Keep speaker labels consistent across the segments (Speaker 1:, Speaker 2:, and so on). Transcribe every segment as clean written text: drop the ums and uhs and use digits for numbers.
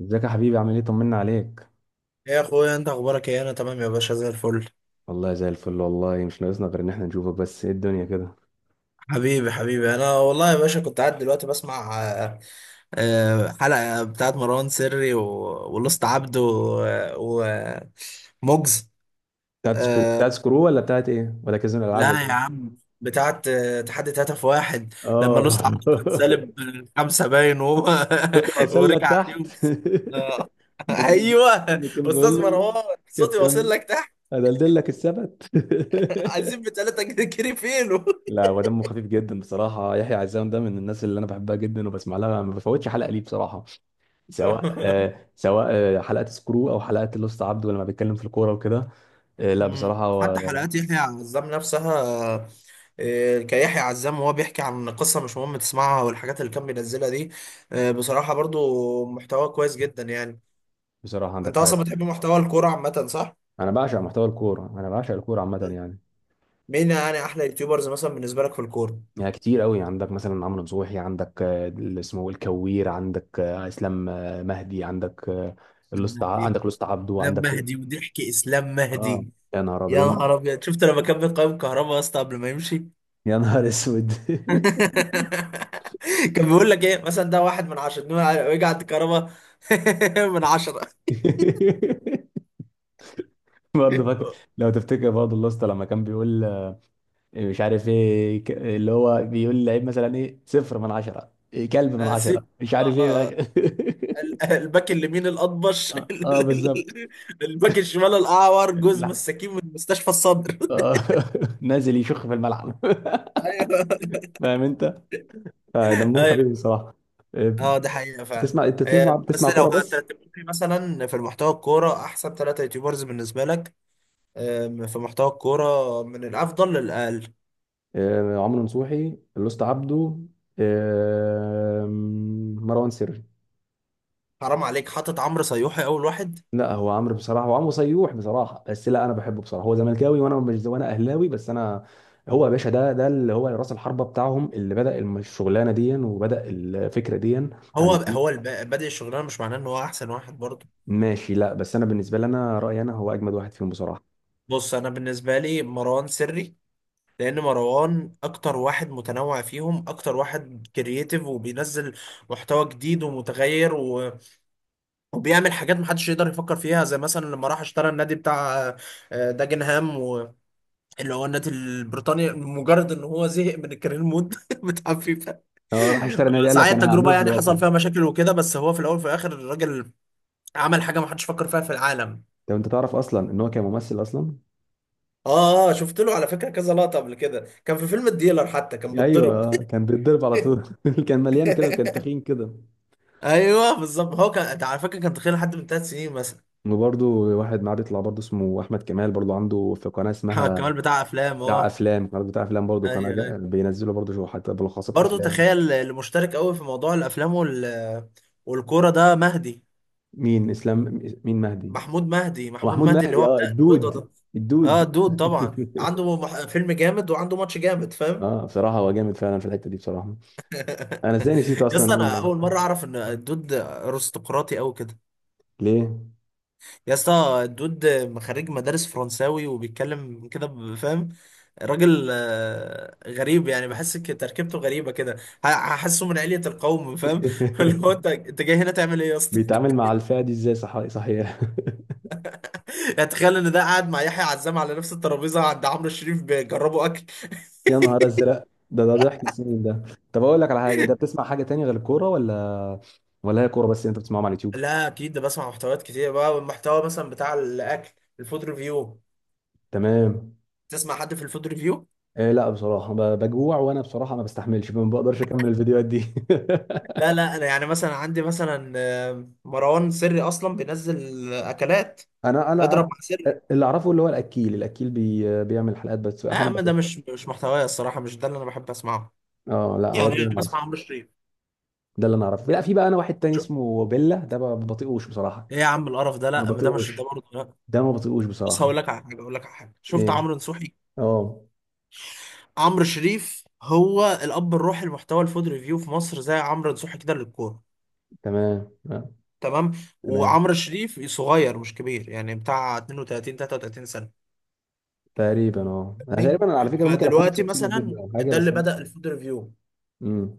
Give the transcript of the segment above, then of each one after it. Speaker 1: ازيك يا حبيبي، عامل ايه؟ طمنا عليك.
Speaker 2: يا اخويا انت اخبارك ايه؟ انا تمام يا باشا زي الفل.
Speaker 1: والله زي الفل، والله مش ناقصنا غير ان احنا نشوفك، بس ايه الدنيا كده؟
Speaker 2: حبيبي حبيبي، انا والله يا باشا كنت قاعد دلوقتي بسمع حلقة بتاعت مروان سري ولوست عبده ومجز.
Speaker 1: بتاعت سكرو بتاعت سكرو، ولا بتاعت ايه، ولا كازينو
Speaker 2: لا
Speaker 1: الالعاب، ولا
Speaker 2: يا
Speaker 1: ايه؟
Speaker 2: عم، بتاعت تحدي هدف واحد. لما
Speaker 1: اه.
Speaker 2: لوست عبده كان سالب خمسة باين وهو
Speaker 1: كنت واصل لك
Speaker 2: ورجع عليه
Speaker 1: تحت.
Speaker 2: وكسب. آه.
Speaker 1: لكن
Speaker 2: ايوه،
Speaker 1: لكن بقول
Speaker 2: استاذ
Speaker 1: له،
Speaker 2: مروان صوتي واصل
Speaker 1: كابتن،
Speaker 2: لك تحت.
Speaker 1: هدلدل لك السبت.
Speaker 2: عايزين بتلاتة جنيه كيري فينو.
Speaker 1: لا، هو دمه خفيف جدا بصراحه. يحيى عزام ده من الناس اللي انا بحبها جدا وبسمع لها، ما بفوتش حلقه ليه بصراحه. سواء سواء حلقه سكرو او حلقه لوست عبد لما بيتكلم في الكوره وكده. لا
Speaker 2: مم.
Speaker 1: بصراحة هو.
Speaker 2: حتى حلقات يحيى عزام نفسها، كيحيى عزام وهو بيحكي عن قصة مش مهم تسمعها والحاجات اللي كان بينزلها دي. بصراحة برضو محتوى كويس جدا يعني.
Speaker 1: بصراحة عندك
Speaker 2: انت
Speaker 1: حق.
Speaker 2: اصلا بتحب محتوى الكورة عامة صح؟
Speaker 1: أنا بعشق محتوى الكورة، أنا بعشق الكورة عامة يعني.
Speaker 2: مين يعني احلى يوتيوبرز مثلا بالنسبة لك في الكورة؟
Speaker 1: يعني كتير قوي، عندك مثلا عمرو نصوحي، عندك اللي اسمه الكوير، عندك إسلام مهدي، عندك
Speaker 2: لم
Speaker 1: الأسطى
Speaker 2: مهدي.
Speaker 1: عندك الأسطى عبده،
Speaker 2: لم
Speaker 1: عندك.
Speaker 2: مهدي وضحك اسلام
Speaker 1: آه.
Speaker 2: مهدي.
Speaker 1: يا نهار
Speaker 2: يا
Speaker 1: أبيض.
Speaker 2: نهار ابيض، شفت لما كان بيقيم كهربا يا اسطى قبل ما يمشي؟
Speaker 1: يا نهار أسود.
Speaker 2: كان بيقول لك ايه مثلا؟ ده واحد من عشرة، ويجي عند كهربا من عشرة.
Speaker 1: برضه فاكر؟ لو تفتكر برضه الأسطى لما كان بيقول مش عارف إيه، اللي هو بيقول لعيب مثلا إيه، صفر من عشرة، إيه، كلب من عشرة،
Speaker 2: سيب.
Speaker 1: مش عارف
Speaker 2: آه،
Speaker 1: إيه من
Speaker 2: آه،
Speaker 1: عشرة.
Speaker 2: الباك اليمين الأطبش.
Speaker 1: اه، آه، بالظبط.
Speaker 2: الباك الشمال الأعور، جوز مساكين من مستشفى الصدر.
Speaker 1: آه، نازل يشخ في الملعب.
Speaker 2: ايوه.
Speaker 1: فاهم انت؟ فدمهم
Speaker 2: ايوه،
Speaker 1: خفيف بصراحه. آه،
Speaker 2: اه ده حقيقة فعلا.
Speaker 1: بتسمع انت بتسمع
Speaker 2: بس
Speaker 1: بتسمع
Speaker 2: لو
Speaker 1: كوره بس؟
Speaker 2: هترتب لي مثلا في المحتوى الكورة أحسن ثلاثة يوتيوبرز بالنسبة لك، في محتوى الكورة من الأفضل للأقل.
Speaker 1: عمرو نصوحي، لوست عبده، آه، مروان سري.
Speaker 2: حرام عليك حاطط عمرو صيوحي أول واحد!
Speaker 1: لا، هو عمرو بصراحه، هو عمرو صيوح بصراحه، بس لا، انا بحبه بصراحه. هو زملكاوي وانا مش وانا اهلاوي، بس انا. هو يا باشا ده اللي هو راس الحربه بتاعهم، اللي بدا الشغلانه دي وبدا الفكره دي على
Speaker 2: هو
Speaker 1: اليوتيوب.
Speaker 2: هو الب- بادئ الشغلانة مش معناه إن هو أحسن واحد برضه.
Speaker 1: ماشي، لا بس انا بالنسبه لي، انا رايي، انا هو اجمد واحد فيهم بصراحه.
Speaker 2: بص، أنا بالنسبة لي مروان سري، لان مروان اكتر واحد متنوع فيهم، اكتر واحد كرييتيف وبينزل محتوى جديد ومتغير وبيعمل حاجات محدش يقدر يفكر فيها. زي مثلا لما راح اشترى النادي بتاع داجنهام اللي هو النادي البريطاني، مجرد ان هو زهق من الكارير مود بتاع فيفا.
Speaker 1: اه، راح اشترى نادي، قال لك
Speaker 2: ساعات
Speaker 1: انا
Speaker 2: التجربة
Speaker 1: هعمله في
Speaker 2: يعني
Speaker 1: الواقع.
Speaker 2: حصل فيها مشاكل وكده، بس هو في الاول وفي الاخر الراجل عمل حاجة محدش فكر فيها في العالم.
Speaker 1: طب انت تعرف اصلا ان هو كان ممثل اصلا؟
Speaker 2: اه اه، شفت له على فكرة كذا لقطة قبل كده، كان في فيلم الديلر حتى كان
Speaker 1: ايوه.
Speaker 2: بيتضرب.
Speaker 1: كان بيتضرب على طول. كان مليان كده وكان تخين كده.
Speaker 2: ايوه بالظبط. هو كان أنت على فكره كان تخيل حد من ثلاث سنين مثلا.
Speaker 1: وبرضه واحد معاه بيطلع برضه اسمه احمد كمال، برضه عنده في قناه
Speaker 2: محمد
Speaker 1: اسمها.
Speaker 2: كمال بتاع افلام
Speaker 1: بتاع
Speaker 2: اه.
Speaker 1: افلام، قناه بتاع افلام، برضه
Speaker 2: ايوه ايوه.
Speaker 1: بينزلوا برضه شو حتى بلخصات
Speaker 2: برضه
Speaker 1: افلام.
Speaker 2: تخيل، اللي مشترك قوي في موضوع الافلام والكوره ده مهدي.
Speaker 1: مين؟ اسلام؟ مين مهدي؟
Speaker 2: محمود مهدي، محمود
Speaker 1: محمود
Speaker 2: مهدي اللي
Speaker 1: مهدي.
Speaker 2: هو
Speaker 1: اه،
Speaker 2: بتاع البيضه
Speaker 1: الدود.
Speaker 2: ده. اه
Speaker 1: الدود.
Speaker 2: دود طبعا، عنده فيلم جامد وعنده ماتش جامد، فاهم؟
Speaker 1: اه، بصراحه هو جامد فعلا في الحته دي بصراحه. انا ازاي نسيت
Speaker 2: يا
Speaker 1: اصلا
Speaker 2: اسطى
Speaker 1: اقول
Speaker 2: انا
Speaker 1: لو...
Speaker 2: اول مره اعرف ان الدود ارستقراطي قوي كده.
Speaker 1: ليه؟
Speaker 2: يا اسطى الدود خريج مدارس فرنساوي وبيتكلم كده فاهم؟ راجل غريب يعني، بحس تركيبته غريبه كده. هحسه من علية القوم، فاهم؟ اللي هو انت انت جاي هنا تعمل ايه يا اسطى؟
Speaker 1: بيتعامل مع الفئه دي ازاي؟ صح، صحيح.
Speaker 2: يعني تخيل ان ده قاعد مع يحيى عزام على نفس الترابيزه عند عمرو الشريف بيجربوا اكل.
Speaker 1: يا نهار ازرق. ده ضحك السنين ده. طب اقول لك على حاجه، انت بتسمع حاجه تانية غير الكوره، ولا ولا هي كوره بس اللي انت بتسمعهم على اليوتيوب؟
Speaker 2: لا اكيد، ده بسمع محتويات كتير بقى. والمحتوى مثلا بتاع الاكل، الفود ريفيو.
Speaker 1: تمام.
Speaker 2: تسمع حد في الفود ريفيو؟
Speaker 1: إيه، لا بصراحه بجوع وانا بصراحه، ما بستحملش، ما بقدرش اكمل الفيديوهات دي.
Speaker 2: لا لا، انا يعني مثلا عندي مثلا مروان سري اصلا بينزل اكلات،
Speaker 1: انا انا
Speaker 2: اضرب
Speaker 1: انا
Speaker 2: مع سري.
Speaker 1: اللي اعرفه، اللي هو الاكيل بيعمل حلقات، بس
Speaker 2: لا يا
Speaker 1: احيانا
Speaker 2: عم، ده
Speaker 1: بشوفها.
Speaker 2: مش محتوايا الصراحه، مش ده اللي انا بحب اسمعه.
Speaker 1: اه، لا
Speaker 2: يعني
Speaker 1: هو ده اللي
Speaker 2: انا
Speaker 1: انا اعرفه.
Speaker 2: بسمع عمرو الشريف.
Speaker 1: ده اللي انا اعرفه. لا، في بقى انا واحد تاني اسمه بيلا، ده ما بطيقوش بصراحه.
Speaker 2: ايه يا عم القرف ده،
Speaker 1: ما
Speaker 2: لا ما ده مش ده
Speaker 1: بطيقوش.
Speaker 2: برضه لا.
Speaker 1: ده ما بطيقوش
Speaker 2: بص
Speaker 1: بصراحه.
Speaker 2: هقول لك على حاجه، اقول لك على حاجه، شفت
Speaker 1: ايه.
Speaker 2: عمرو نصوحي؟
Speaker 1: اه.
Speaker 2: عمرو شريف هو الاب الروحي لمحتوى الفود ريفيو في مصر، زي عمرو نصوحي كده للكوره.
Speaker 1: تمام، آه.
Speaker 2: تمام.
Speaker 1: تمام.
Speaker 2: وعمرو شريف صغير مش كبير يعني، بتاع 32 33 سنه،
Speaker 1: تقريبا، اه، انا تقريبا،
Speaker 2: فاهمني؟
Speaker 1: أنا على فكره ممكن اكون
Speaker 2: فدلوقتي
Speaker 1: شفت له فيديو
Speaker 2: مثلا
Speaker 1: او حاجه،
Speaker 2: ده اللي
Speaker 1: بس انا.
Speaker 2: بدأ الفود ريفيو،
Speaker 1: امم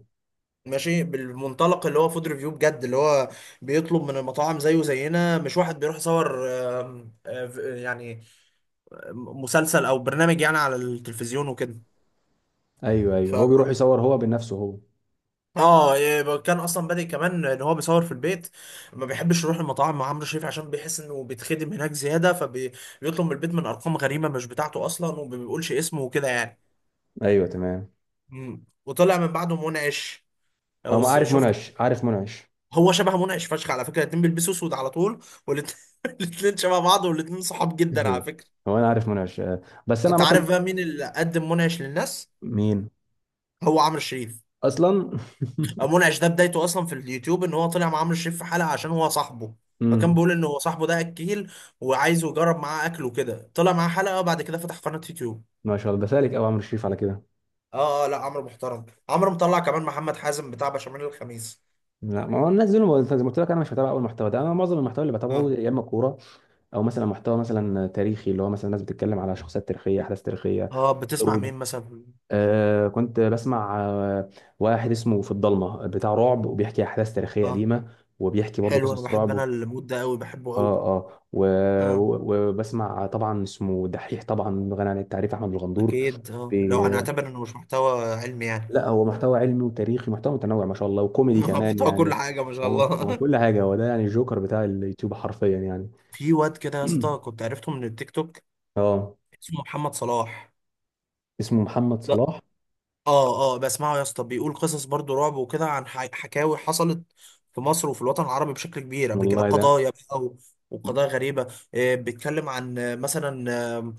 Speaker 2: ماشي، بالمنطلق اللي هو فود ريفيو بجد، اللي هو بيطلب من المطاعم زيه زينا، مش واحد بيروح يصور. آم، آه، يعني مسلسل او برنامج يعني على التلفزيون وكده.
Speaker 1: ايوه، ايوه، هو بيروح يصور هو بنفسه هو.
Speaker 2: اه إيه، كان اصلا بادئ كمان ان هو بيصور في البيت، ما بيحبش يروح المطاعم مع عمرو شريف عشان بيحس انه بيتخدم هناك زياده. فبيطلب من البيت من ارقام غريبه مش بتاعته اصلا وما بيقولش اسمه وكده يعني.
Speaker 1: ايوه، تمام.
Speaker 2: مم. وطلع من بعده منعش،
Speaker 1: هو ما عارف
Speaker 2: شفت؟
Speaker 1: منعش؟ عارف منعش.
Speaker 2: هو شبه منعش فشخ على فكره، الاتنين بيلبسوا اسود على طول، والاتنين الاتنين شبه بعض والاتنين صحاب جدا على فكره.
Speaker 1: هو انا عارف منعش بس انا
Speaker 2: انت
Speaker 1: عامه.
Speaker 2: عارف بقى مين اللي قدم منعش للناس؟
Speaker 1: مين؟
Speaker 2: هو عمرو شريف.
Speaker 1: اصلا؟
Speaker 2: منعش ده بدايته اصلا في اليوتيوب ان هو طلع مع عمرو شريف في حلقه عشان هو صاحبه. فكان
Speaker 1: امم
Speaker 2: بيقول ان هو صاحبه ده اكيل وعايزه يجرب معاه اكله كده، طلع معاه حلقه وبعد كده فتح قناه يوتيوب.
Speaker 1: ما شاء الله، ده سالك او عمرو شريف على كده؟
Speaker 2: اه اه، لا عمرو محترم، عمرو مطلع كمان محمد حازم بتاع بشاميل الخميس.
Speaker 1: لا، ما هو الناس دول زي ما قلت لك انا مش بتابع اول محتوى ده. انا معظم المحتوى اللي
Speaker 2: اه
Speaker 1: بتابعه، يا اما كوره، او مثلا محتوى مثلا تاريخي، اللي هو مثلا ناس بتتكلم على شخصيات تاريخيه، احداث تاريخيه،
Speaker 2: اه، بتسمع
Speaker 1: حروب.
Speaker 2: مين مثلا؟
Speaker 1: كنت بسمع واحد اسمه في الضلمة بتاع رعب، وبيحكي أحداث تاريخية
Speaker 2: اه
Speaker 1: قديمة، وبيحكي برضه
Speaker 2: حلو، انا
Speaker 1: قصص
Speaker 2: بحب
Speaker 1: رعب و-.
Speaker 2: انا المود ده قوي، بحبه
Speaker 1: اه،
Speaker 2: قوي.
Speaker 1: اه.
Speaker 2: اه
Speaker 1: وبسمع طبعا اسمه دحيح، طبعا غني عن التعريف، أحمد الغندور.
Speaker 2: اكيد، اه
Speaker 1: بي...
Speaker 2: لو هنعتبر انه مش محتوى علمي يعني.
Speaker 1: لا، هو محتوى علمي وتاريخي، محتوى متنوع ما شاء الله، وكوميدي كمان
Speaker 2: محتوى كل
Speaker 1: يعني.
Speaker 2: حاجه ما شاء
Speaker 1: هو
Speaker 2: الله.
Speaker 1: كل حاجة، هو ده يعني الجوكر بتاع اليوتيوب حرفيا يعني.
Speaker 2: في واد كده يا اسطى كنت عرفته من التيك توك،
Speaker 1: اه.
Speaker 2: اسمه محمد صلاح.
Speaker 1: اسمه محمد
Speaker 2: لا.
Speaker 1: صلاح.
Speaker 2: اه اه، بسمعه يا اسطى، بيقول قصص برضو رعب وكده عن حكاوي حصلت في مصر وفي الوطن العربي بشكل كبير قبل كده،
Speaker 1: والله ده...
Speaker 2: قضايا بقى وقضايا غريبة. بيتكلم عن مثلا، آه،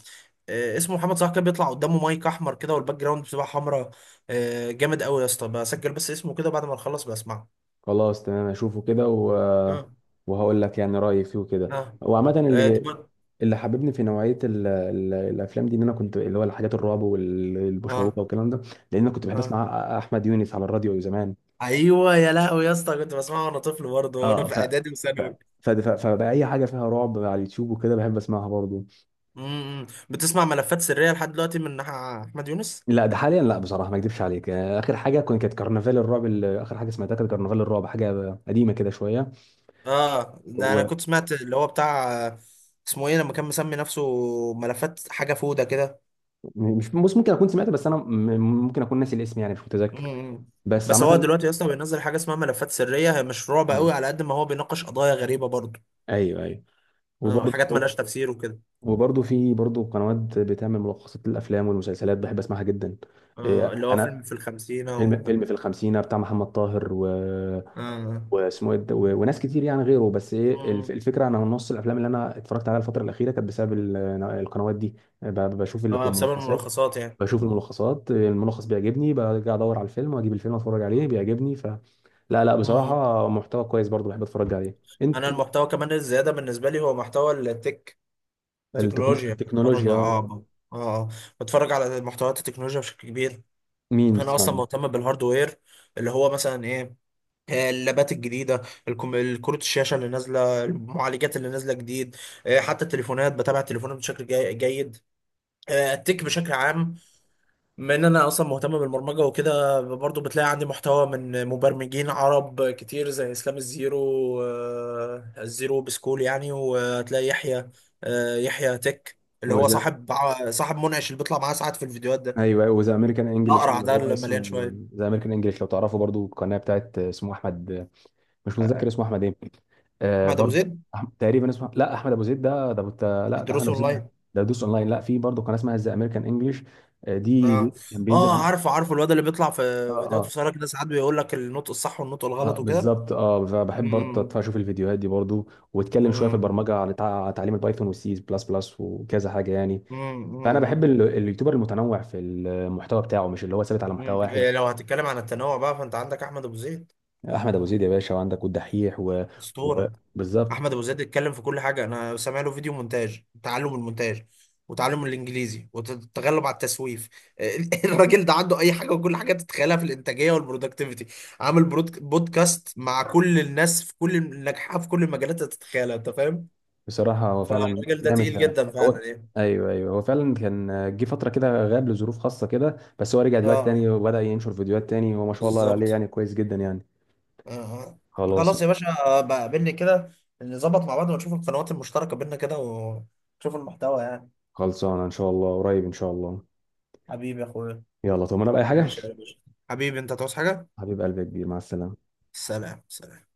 Speaker 2: اسمه محمد صلاح، كان بيطلع قدامه مايك احمر كده، والباك جراوند بتبقى حمراء. جامد قوي يا اسطى، بسجل بس اسمه كده بعد ما نخلص بسمعه.
Speaker 1: خلاص، تمام، اشوفه كده و...
Speaker 2: اه
Speaker 1: وهقول لك يعني رايي فيه وكده.
Speaker 2: اه.
Speaker 1: وعامه،
Speaker 2: آه،
Speaker 1: اللي...
Speaker 2: طب-
Speaker 1: اللي حببني في نوعيه الافلام دي، ان انا كنت اللي هو الحاجات الرعب والمشوقه
Speaker 2: اه
Speaker 1: والكلام ده. لان انا كنت بحب
Speaker 2: اه.
Speaker 1: اسمع احمد يونس على الراديو زمان.
Speaker 2: ايوه يا لهوي يا اسطى، كنت بسمعه وانا طفل برضه وانا
Speaker 1: اه،
Speaker 2: في اعدادي
Speaker 1: ف...
Speaker 2: وثانوي.
Speaker 1: فبقى اي حاجه فيها رعب على اليوتيوب وكده بحب اسمعها برضو.
Speaker 2: امم، بتسمع ملفات سرية لحد دلوقتي من احمد يونس؟
Speaker 1: لا، ده حاليا لا بصراحه، ما اكذبش عليك، اخر حاجه كانت كرنفال الرعب، اخر حاجه سمعتها كانت كرنفال الرعب، حاجه قديمه كده شويه.
Speaker 2: اه ده انا
Speaker 1: ومش...
Speaker 2: كنت سمعت اللي هو بتاع اسمه ايه لما كان مسمي نفسه ملفات حاجه فوده كده.
Speaker 1: بص، ممكن اكون سمعتها، بس انا ممكن اكون ناسي الاسم يعني، مش متذكر.
Speaker 2: امم.
Speaker 1: بس
Speaker 2: بس هو
Speaker 1: عامة.
Speaker 2: دلوقتي اصلا بينزل حاجه اسمها ملفات سريه، هي مش رعب
Speaker 1: مم.
Speaker 2: قوي على قد ما هو بيناقش قضايا غريبه برضه.
Speaker 1: ايوه، ايوه.
Speaker 2: اه، حاجات
Speaker 1: وبرضه.
Speaker 2: ملهاش تفسير وكده.
Speaker 1: وبرضه في برضه قنوات بتعمل ملخصات للافلام والمسلسلات، بحب اسمعها جدا. إيه،
Speaker 2: اه اللي هو فيلم
Speaker 1: انا...
Speaker 2: في الخمسينه
Speaker 1: فيلم
Speaker 2: و...
Speaker 1: فيلم في الخمسينه بتاع محمد طاهر و...
Speaker 2: اه.
Speaker 1: واسمه إيه ده؟ وناس كتير يعني غيره، بس ايه،
Speaker 2: مم.
Speaker 1: الفكره انا نص الافلام اللي انا اتفرجت عليها الفتره الاخيره كانت بسبب ال-. القنوات دي. بشوف
Speaker 2: اه بسبب
Speaker 1: الملخصات.
Speaker 2: الملخصات يعني.
Speaker 1: بشوف الملخصات، الملخص بيعجبني برجع ادور على الفيلم واجيب الفيلم اتفرج عليه
Speaker 2: مم.
Speaker 1: بيعجبني، ف... لا، لا،
Speaker 2: مم.
Speaker 1: بصراحه محتوى كويس برضه بحب اتفرج عليه انت.
Speaker 2: انا المحتوى كمان الزياده بالنسبه لي هو محتوى التك، تكنولوجيا، بتفرج اه
Speaker 1: التكنولوجيا.
Speaker 2: اه. آه. بتفرج على محتويات التكنولوجيا بشكل كبير.
Speaker 1: مين
Speaker 2: انا
Speaker 1: بتسمع؟
Speaker 2: اصلا
Speaker 1: مين؟
Speaker 2: مهتم بالهاردوير، اللي هو مثلا ايه، اللابات الجديده، الكروت الشاشه اللي نازله، المعالجات اللي نازله جديد، حتى التليفونات بتابع التليفونات بشكل جيد، التك بشكل عام. بما ان انا اصلا مهتم بالبرمجه وكده، برضو بتلاقي عندي محتوى من مبرمجين عرب كتير زي اسلام الزيرو، الزيرو بسكول يعني. وتلاقي يحيى، يحيى تك اللي هو
Speaker 1: وذا...
Speaker 2: صاحب منعش، اللي بيطلع معاه ساعات في الفيديوهات ده،
Speaker 1: ايوه، وذا امريكان انجلش
Speaker 2: الاقرع
Speaker 1: اللي
Speaker 2: ده
Speaker 1: هو
Speaker 2: اللي مليان
Speaker 1: اسمه.
Speaker 2: شويه.
Speaker 1: ذا امريكان انجلش لو تعرفه برضو، القناه بتاعت، اسمه احمد. مش متذكر اسمه احمد ايه. آه،
Speaker 2: احمد ابو
Speaker 1: برضو.
Speaker 2: زيد
Speaker 1: تقريبا اسمه، لا، احمد ابو زيد ده لا، ده احمد
Speaker 2: الدروس
Speaker 1: ابو زيد ده.
Speaker 2: اونلاين.
Speaker 1: ده دوس اونلاين. لا، في برضو قناه اسمها ذا امريكان انجلش. دي
Speaker 2: اه
Speaker 1: كان بينزل
Speaker 2: اه،
Speaker 1: عليه.
Speaker 2: عارفه عارفه، الواد اللي بيطلع في
Speaker 1: اه،
Speaker 2: فيديوهات
Speaker 1: اه.
Speaker 2: قصيره كده ساعات بيقول لك النطق الصح والنطق
Speaker 1: اه،
Speaker 2: الغلط وكده.
Speaker 1: بالظبط، اه، فبحب برضه
Speaker 2: أمم،
Speaker 1: اشوف الفيديوهات دي برضه. واتكلم شويه في
Speaker 2: أمم،
Speaker 1: البرمجه عن تعليم البايثون والسي بلس بلس وكذا حاجه يعني.
Speaker 2: أمم،
Speaker 1: فانا بحب
Speaker 2: أمم،
Speaker 1: اليوتيوبر المتنوع في المحتوى بتاعه، مش اللي هو ثابت على محتوى
Speaker 2: أمم.
Speaker 1: واحد.
Speaker 2: إيه، لو هتتكلم عن التنوع بقى فانت عندك احمد ابو زيد.
Speaker 1: احمد ابو زيد يا باشا، وعندك والدحيح و... و...
Speaker 2: اسطوره.
Speaker 1: بالظبط.
Speaker 2: احمد ابو زيد اتكلم في كل حاجه، انا سامع له فيديو مونتاج تعلم المونتاج وتعلم الانجليزي والتغلب على التسويف. الراجل ده عنده اي حاجه وكل حاجه تتخيلها في الانتاجيه والبرودكتيفيتي، عامل بودكاست مع كل الناس في كل الناجحه في كل المجالات اللي تتخيلها، انت فاهم.
Speaker 1: بصراحه هو فعلا
Speaker 2: فالراجل ده
Speaker 1: جامد
Speaker 2: تقيل
Speaker 1: فعلا.
Speaker 2: جدا
Speaker 1: هو...
Speaker 2: فعلا يعني.
Speaker 1: ايوه، ايوه، هو فعلا كان. جه فتره كده غاب لظروف خاصه كده، بس هو رجع دلوقتي
Speaker 2: اه
Speaker 1: تاني وبدا ينشر فيديوهات تاني، وما شاء الله عليه
Speaker 2: بالظبط.
Speaker 1: يعني كويس جدا يعني.
Speaker 2: اه.
Speaker 1: خلاص.
Speaker 2: خلاص يا باشا، بقابلني كده، نظبط مع بعض ونشوف القنوات المشتركة بينا كده ونشوف المحتوى يعني.
Speaker 1: خلصانه ان شاء الله، قريب ان شاء الله.
Speaker 2: حبيبي يا اخويا.
Speaker 1: يلا، طب انا بقى اي حاجه.
Speaker 2: ماشي يا باشا. حبيبي انت تعوز حاجة؟
Speaker 1: حبيب قلبي، يا كبير، مع السلامه.
Speaker 2: سلام سلام.